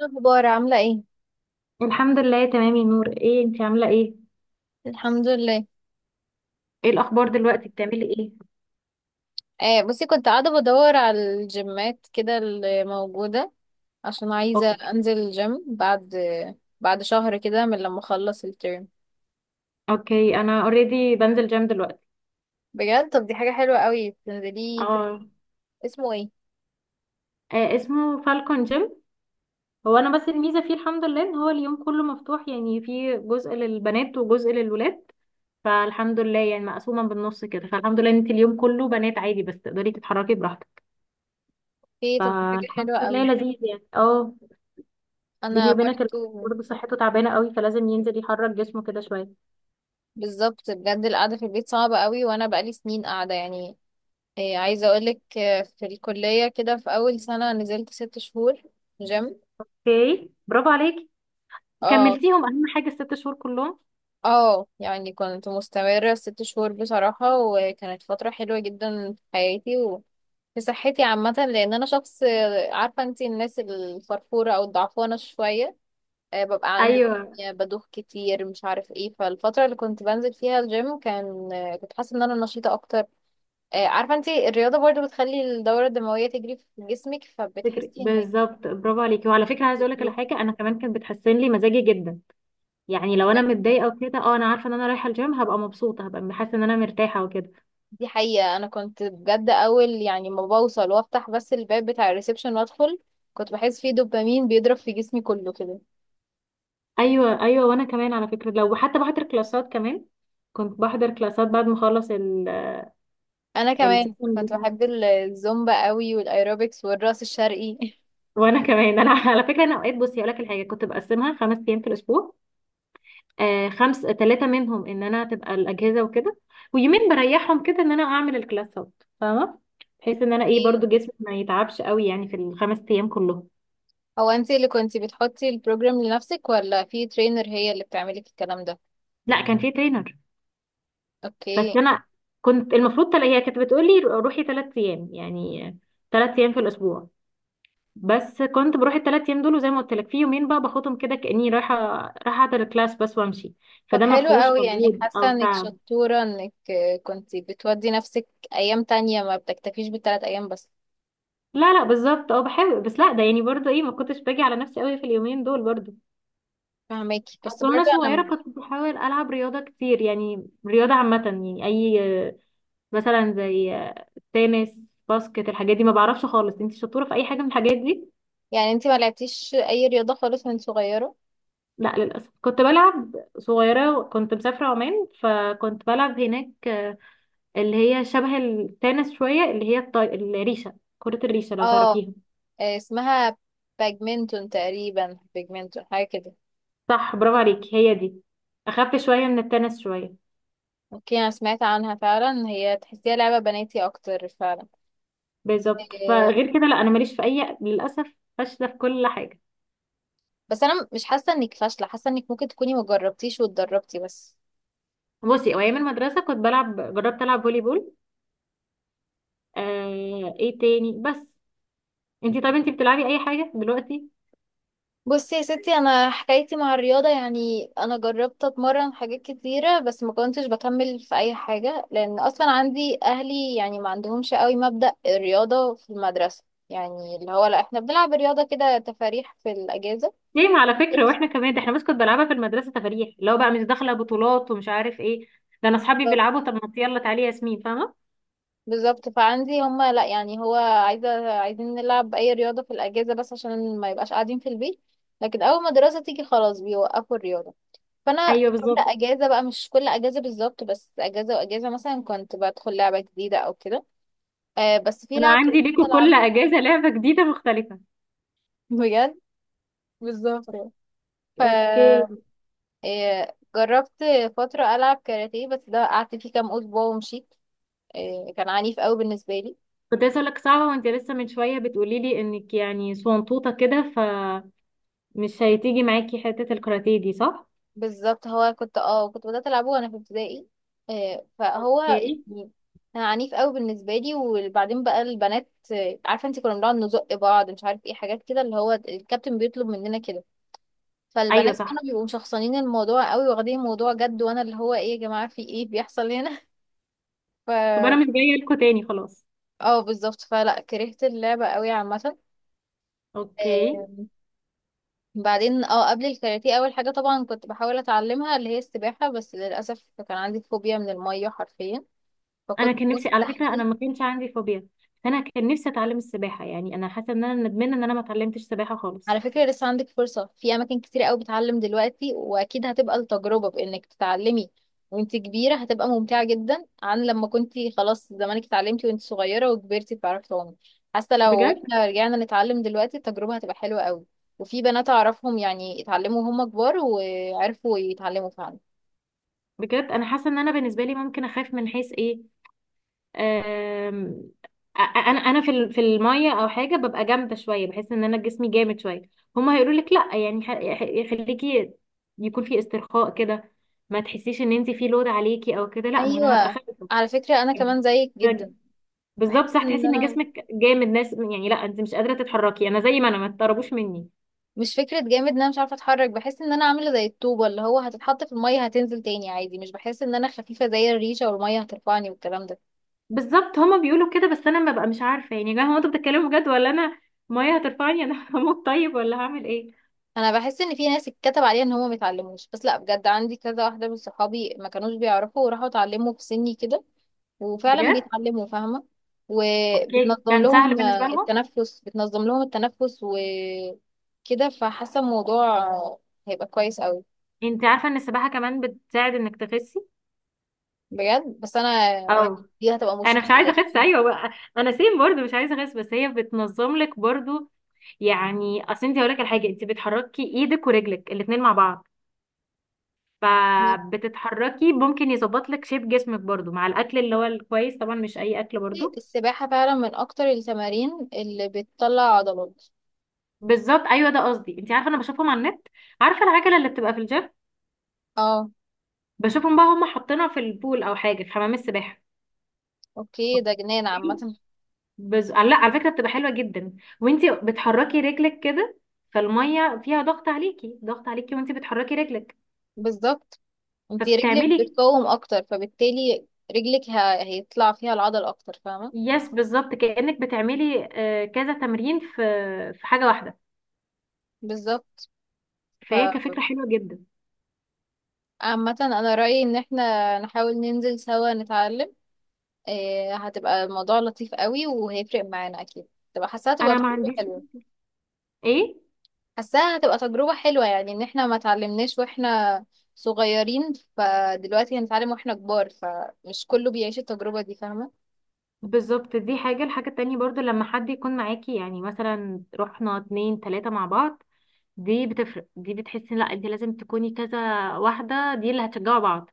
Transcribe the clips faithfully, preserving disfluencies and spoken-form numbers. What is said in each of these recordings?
إيه الاخبار؟ عامله ايه؟ الحمد لله تمام يا نور. ايه انتي عامله ايه؟ الحمد لله. ايه الاخبار دلوقتي؟ بتعملي ايه؟ آه، بصي، كنت قاعده بدور على الجيمات كده اللي موجوده، عشان عايزه اوكي انزل الجيم بعد بعد شهر كده من لما اخلص الترم. اوكي، انا اوريدي بنزل جيم دلوقتي. بجد؟ طب دي حاجه حلوه قوي. بتنزليه في... اه. اسمه ايه؟ آه، اسمه فالكون جيم. هو انا بس الميزه فيه الحمد لله ان هو اليوم كله مفتوح، يعني فيه جزء للبنات وجزء للولاد، فالحمد لله يعني مقسومه بالنص كده. فالحمد لله ان انت اليوم كله بنات، عادي بس تقدري تتحركي براحتك. في... طب دي حاجه فالحمد حلوه لله قوي. لذيذ يعني، اه. انا بيني وبينك الواحد برضو. برضه صحته تعبانه قوي، فلازم ينزل يحرك جسمه كده شويه. بالظبط، بجد القعده في البيت صعبه قوي وانا بقالي سنين قاعده يعني. آه، عايزه اقولك، آه، في الكليه كده في اول سنه نزلت ست شهور جيم. اوكي، برافو عليكي. اه. كملتيهم؟ اهم حاجه الست شهور كلهم. اه، يعني كنت مستمرة ست شهور بصراحة، وكانت فترة حلوة جدا في حياتي وفي صحتي عامة، لأن أنا شخص... عارفة انتي الناس الفرفورة أو الضعفانة شوية، آه، ببقى عندي ايوه، بدوخ كتير، مش عارف ايه. فالفترة اللي كنت بنزل فيها الجيم كان، آه، كنت حاسة ان انا نشيطة اكتر. آه، عارفة انتي الرياضة برضو بتخلي الدورة الدموية تجري في جسمك، فكرة. فبتحسي بالظبط، برافو عليكي، وعلى فكره عايزه اقول لك على انك... حاجه، انا كمان كانت بتحسن لي مزاجي جدا. يعني لو انا متضايقه وكده اه انا عارفه ان انا رايحه الجيم هبقى مبسوطه، هبقى حاسه ان انا مرتاحه وكده. دي حقيقة. أنا كنت بجد أول يعني ما بوصل وأفتح بس الباب بتاع الريسبشن وأدخل، كنت بحس فيه دوبامين بيضرب في جسمي كله كده. ايوه ايوه، وانا كمان على فكره، لو حتى بحضر كلاسات كمان. كنت بحضر كلاسات بعد ما اخلص ال- أنا كمان السيشن كنت بتاعي. بحب ال- الزومبا قوي والأيروبكس والرأس الشرقي وانا كمان انا على فكره، انا اوقات بصي اقول لك الحاجه، كنت بقسمها خمس ايام في الاسبوع. آه، خمس، ثلاثة منهم ان انا تبقى الاجهزة وكده، ويومين بريحهم كده ان انا اعمل الكلاسات، فاهمة؟ بحيث ان انا ايه برضو ايه. جسمي ما يتعبش قوي يعني في الخمس ايام كلهم. هو انت اللي كنتي بتحطي البروجرام لنفسك ولا في ترينر هي اللي بتعملك الكلام ده؟ لا، كان في ترينر. بس اوكي. انا كنت المفروض تلا، هي كانت بتقولي روحي ثلاث ايام يعني، ثلاث ايام في الاسبوع. بس كنت بروح الثلاث ايام دول، وزي ما قلت لك في يومين بقى باخدهم كده كاني رايحه رايحه احضر الكلاس بس وامشي، طب فده ما حلو فيهوش قوي، يعني مجهود حاسة او انك تعب. شطورة انك، آه، كنتي بتودي نفسك ايام تانية ما بتكتفيش بالتلات ايام بس. لا لا، بالظبط، اه بحاول بس لا ده يعني برضو ايه ما كنتش باجي على نفسي قوي في اليومين دول برضو. فهماكي، بس اصل برضه وانا صغيره انا... كنت بحاول العب رياضه كتير، يعني رياضه عامه يعني اي، مثلا زي تنس، باسكت، الحاجات دي. ما بعرفش خالص، انت شطوره في اي حاجه من الحاجات دي؟ يعني انتي ما لعبتيش اي رياضة خالص من صغيرة؟ لا للاسف، كنت بلعب صغيره، كنت مسافره عمان، فكنت بلعب هناك اللي هي شبه التنس شويه، اللي هي الطي... الريشه، كره الريشه، لو اه. تعرفيها. آه، اسمها باجمنتون تقريبا، باجمنتون حاجة كده. صح، برافو عليكي، هي دي. اخف شويه من التنس شويه. اوكي، انا سمعت عنها فعلا، هي تحسيها لعبة بناتي اكتر فعلا. بالظبط. آه، فغير كده لا، انا ماليش في اي، للاسف فاشله في كل حاجه. بس انا مش حاسة انك فاشلة، حاسة انك ممكن تكوني مجربتيش واتدربتي بس. بصي، هو ايام المدرسه كنت بلعب، جربت العب فولي بول، آه، ايه تاني بس. انتي طب انتي بتلعبي اي حاجه دلوقتي؟ بصي يا ستي، انا حكايتي مع الرياضه، يعني انا جربت اتمرن حاجات كتيره بس ما كنتش بكمل في اي حاجه، لان اصلا عندي اهلي يعني ما عندهمش قوي مبدأ الرياضه في المدرسه. يعني اللي هو لا، احنا بنلعب رياضه كده تفاريح في الاجازه. ليه؟ ما على فكره واحنا كمان، ده احنا بس كنت بلعبها في المدرسه تفاريح، لو بقى مش داخله بطولات ومش عارف ايه، ده انا اصحابي بالظبط. بيلعبوا طب ما يلا تعالي يا ياسمين، فاهمه؟ بالظبط. فعندي هما لا، يعني هو عايزه عايزين نلعب اي رياضه في الاجازه بس عشان ما يبقاش قاعدين في البيت، لكن اول ما الدراسه تيجي خلاص بيوقفوا الرياضه. فانا... ايوه كل بالظبط، اجازه بقى، مش كل اجازه بالظبط، بس اجازه واجازه مثلا كنت بدخل لعبه جديده او كده. آه بس في انا لعبه كنت عندي ليكوا العب. كل اجازه لعبه جديده مختلفه. بجد، بالظبط يعني. ف... اوكي. آه، جربت فتره العب كاراتيه، بس ده قعدت فيه كام اسبوع ومشيت. آه كان عنيف قوي بالنسبه لي. كنت عايزه اقول لك صعبه، وانت لسه من شويه بتقولي لي انك يعني صنطوطه كده، فمش هتيجي معاكي حته الكاراتيه دي، صح؟ بالظبط. هو كنت اه كنت بدات العبه وانا في ابتدائي. آه، فهو يعني اوكي. كان عنيف قوي بالنسبه لي. وبعدين بقى البنات، آه، عارفه انت كنا بنقعد نزق بعض مش عارف ايه حاجات كده اللي هو الكابتن بيطلب مننا كده، ايوه فالبنات صح. كانوا بيبقوا مشخصنين الموضوع قوي واخدين الموضوع جد، وانا اللي هو ايه يا جماعه؟ في ايه بيحصل هنا؟ ف... طب انا مش جايه لكم تاني خلاص. اه، بالظبط. فلا كرهت اللعبه قوي عامه. اوكي. آه، بعدين اه قبل الكاراتيه، اول حاجه طبعا كنت بحاول اتعلمها اللي هي السباحه، بس للاسف كان عندي فوبيا من الميه حرفيا، انا فكنت كان نفسي على فكره، انا مستحيل... ما كانش عندي فوبيا، فانا كان نفسي اتعلم السباحه، يعني انا حاسه ان انا ندمانه ان انا ما اتعلمتش سباحه على خالص. فكرة لسه عندك فرصة، في أماكن كتير قوي بتعلم دلوقتي، وأكيد هتبقى التجربة بإنك تتعلمي وانت كبيرة هتبقى ممتعة جدا، عن لما كنتي خلاص زمانك اتعلمتي وانت صغيرة وكبرتي بتعرفي تعومي. حتى لو بجد. احنا رجعنا نتعلم دلوقتي التجربة هتبقى حلوة قوي، وفي بنات أعرفهم يعني اتعلموا وهم كبار وعرفوا يتعلموا فعلا. بجد، انا حاسه ان انا بالنسبه لي ممكن اخاف من حيث ايه. أم... أ- انا انا في ال- في الميه او حاجه ببقى جامده شويه، بحس ان انا جسمي جامد شويه. هما هيقولوا لك لا يعني، ح- ح- خليكي يكون في استرخاء كده، ما تحسيش ان انت في لود عليكي او كده، لا ما انا هبقى أيوة. خايفه. على فكرة أنا كمان زيك جدا. بالظبط بحس صح، إن تحسي ان أنا... جسمك جامد ناس، يعني لا انت مش قادره تتحركي، انا زي ما انا، ما تقربوش مني. مش فكرة جامد ان انا مش عارفة اتحرك، بحس ان انا عاملة زي الطوبة اللي هو هتتحط في المية هتنزل تاني عادي، مش بحس ان انا خفيفة زي الريشة والمية هترفعني والكلام ده. بالظبط، هما بيقولوا كده بس انا ببقى مش عارفه، يعني يا جماعه هو انتوا بتتكلموا بجد ولا انا؟ ميه هترفعني انا هموت طيب، ولا هعمل ايه؟ انا بحس ان في ناس اتكتب عليها ان هم متعلموش، بس لا، بجد عندي كذا واحدة من صحابي ما كانوش بيعرفوا وراحوا اتعلموا في سني كده، وفعلا بجد. بيتعلموا فاهمة. اوكي، وبتنظم كان سهل لهم، بالنسبه آه، لهم. التنفس، بتنظم لهم التنفس وكده، فحاسة الموضوع هيبقى كويس قوي. انت عارفه ان السباحه كمان بتساعد انك تخسي بجد، بس انا يعني، او... دي هتبقى انا مش مشكلة عايزه لأن... اخس، ايوه بقى، انا سيم برضو مش عايزه اخس، بس هي بتنظم لك برضو. يعني اصل انت هقول لك على حاجه، انت بتحركي ايدك ورجلك الاثنين مع بعض، فبتتحركي ممكن يظبط لك شيب جسمك برضو مع الاكل اللي هو الكويس طبعا، مش اي اكل برضو. السباحة فعلا من أكتر التمارين اللي بتطلع عضلات. بالظبط ايوه، ده قصدي، انت عارفه انا بشوفهم على النت، عارفه العجله اللي بتبقى في الجيم؟ اه. بشوفهم بقى هم حاطينها في البول او حاجه في حمام السباحه. اوكي، ده جنان اوكي. عامة. بز... لا على فكره، بتبقى حلوه جدا، وانت بتحركي رجلك كده، فالميه فيها ضغط عليكي، ضغط عليكي وانت بتحركي رجلك بالظبط. انتي رجلك فبتعملي. بتقوم أكتر فبالتالي رجلك ه... هيطلع فيها العضل أكتر فاهمة. يس، بالظبط، كانك بتعملي آه، كذا تمرين في في حاجه واحده، بالظبط. ف... فهي كفكره حلوه جدا. عامة أنا رأيي إن احنا نحاول ننزل سوا نتعلم، إيه هتبقى الموضوع لطيف قوي وهيفرق معانا أكيد، تبقى حاسة هتبقى انا ما تجربة عنديش، حلوة. ايه. حاساها هتبقى تجربة حلوة، يعني ان احنا ما اتعلمناش واحنا صغيرين، فدلوقتي هنتعلم واحنا كبار، فمش كله بيعيش التجربة دي فاهمة. بالظبط، دي حاجة، الحاجة التانية برضو لما حد يكون معاكي، يعني مثلا رحنا اتنين تلاتة مع بعض، دي بتفرق، دي بتحسي لا انت لازم تكوني كذا واحدة، دي اللي هتشجعوا بعض.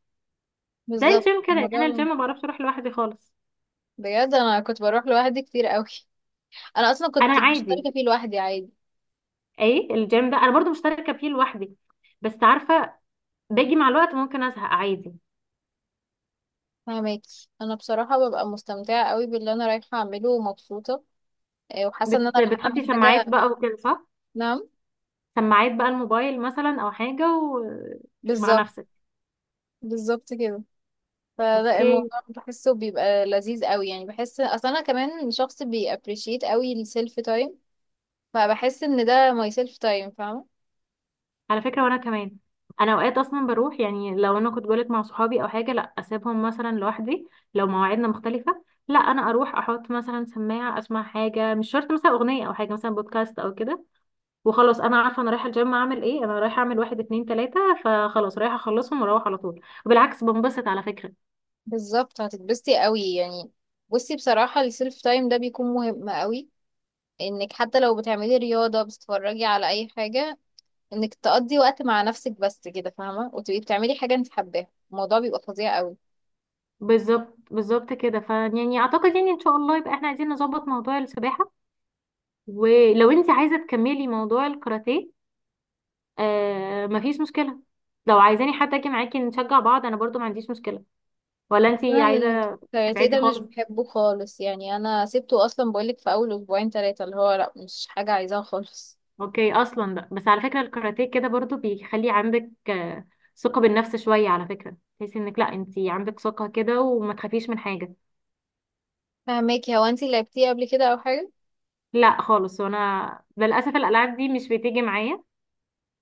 زي بالظبط الجيم كده، يعني انا الموضوع... الجيم ما بعرفش اروح لوحدي خالص. بجد انا كنت بروح لوحدي كتير قوي. انا اصلا كنت انا عادي، مشتركة فيه لوحدي عادي. ايه، الجيم ده انا برضو مشتركة فيه لوحدي، بس عارفة باجي مع الوقت ممكن ازهق عادي. فاهمك. انا بصراحة ببقى مستمتعة قوي باللي انا رايحة اعمله ومبسوطة، إيه، وحاسة ان انا بت... رايحة بتحطي اعمل سماعات حاجة. بقى وكده، صح؟ نعم. سماعات بقى الموبايل مثلا او حاجة، ومع بالظبط. نفسك. بالظبط كده. فلا اوكي. الموضوع بحسه بيبقى لذيذ قوي، يعني بحس اصلا انا كمان شخص بيابريشيت قوي السيلف تايم، فبحس ان ده ماي سيلف تايم فاهمه. على فكرة وانا كمان، انا اوقات اصلا بروح، يعني لو انا كنت بقولك مع صحابي او حاجة، لا اسيبهم مثلا لوحدي، لو مواعيدنا مختلفة لا انا اروح، احط مثلا سماعة اسمع حاجة، مش شرط مثلا اغنية او حاجة، مثلا بودكاست او كده، وخلاص انا عارفة انا رايحة الجيم اعمل ايه، انا رايحة اعمل واحد اتنين تلاتة، فخلاص رايحة اخلصهم واروح على طول، وبالعكس بنبسط على فكرة. بالظبط، هتتبسطي قوي يعني. بصي، بصراحه السيلف تايم ده بيكون مهم قوي، انك حتى لو بتعملي رياضه بتتفرجي على اي حاجه، انك تقضي وقت مع نفسك بس كده فاهمه، وتبقي بتعملي حاجه انت حباها الموضوع بيبقى فظيع قوي. بالظبط بالظبط كده، فيعني اعتقد يعني ان شاء الله يبقى احنا عايزين نظبط موضوع السباحة، ولو انت عايزة تكملي موضوع الكاراتيه آه مفيش مشكلة، لو عايزاني حتى اجي معاكي نشجع بعض انا برضو ما عنديش مشكلة، ولا انتي انا عايزة الكاراتيه تبعدي ده مش خالص؟ بحبه خالص، يعني انا سبته اصلا بقولك في اول اسبوعين ثلاثه اللي هو لا مش حاجه عايزاها خالص. اوكي اصلا بقى. بس على فكرة الكاراتيه كده برضو بيخلي عندك آه ثقة بالنفس شوية، على فكرة تحسي انك لا انتي عندك ثقة كده وما تخافيش من حاجة. فهماكي. هو انت لعبتيه قبل كده او حاجه؟ لا خالص، وانا للاسف الالعاب دي مش بتيجي معايا،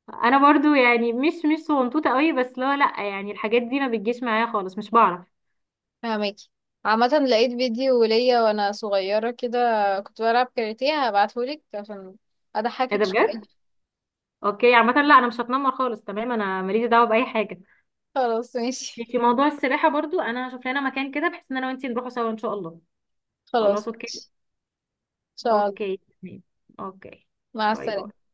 انا برضو يعني مش مش صغنطوطة قوي، بس لا لا يعني الحاجات دي ما بتجيش معايا خالص، مش بعرف. فهماكي. عامة لقيت فيديو ليا وانا صغيرة كده كنت بلعب كاراتيه، هبعتهولك عشان ايه اضحكك ده شوية. بجد؟ اوكي، عامة لا انا مش هتنمر خالص تمام، انا ماليش دعوة بأي حاجة. خلاص ماشي. يعني في موضوع السباحة برضو انا هشوف لنا مكان كده بحيث ان انا وانتي نروحوا سوا ان شاء الله. خلاص خلاص اوكي. ماشي. ان شاء الله. اوكي تمام. اوكي. مع باي السلامة. باي.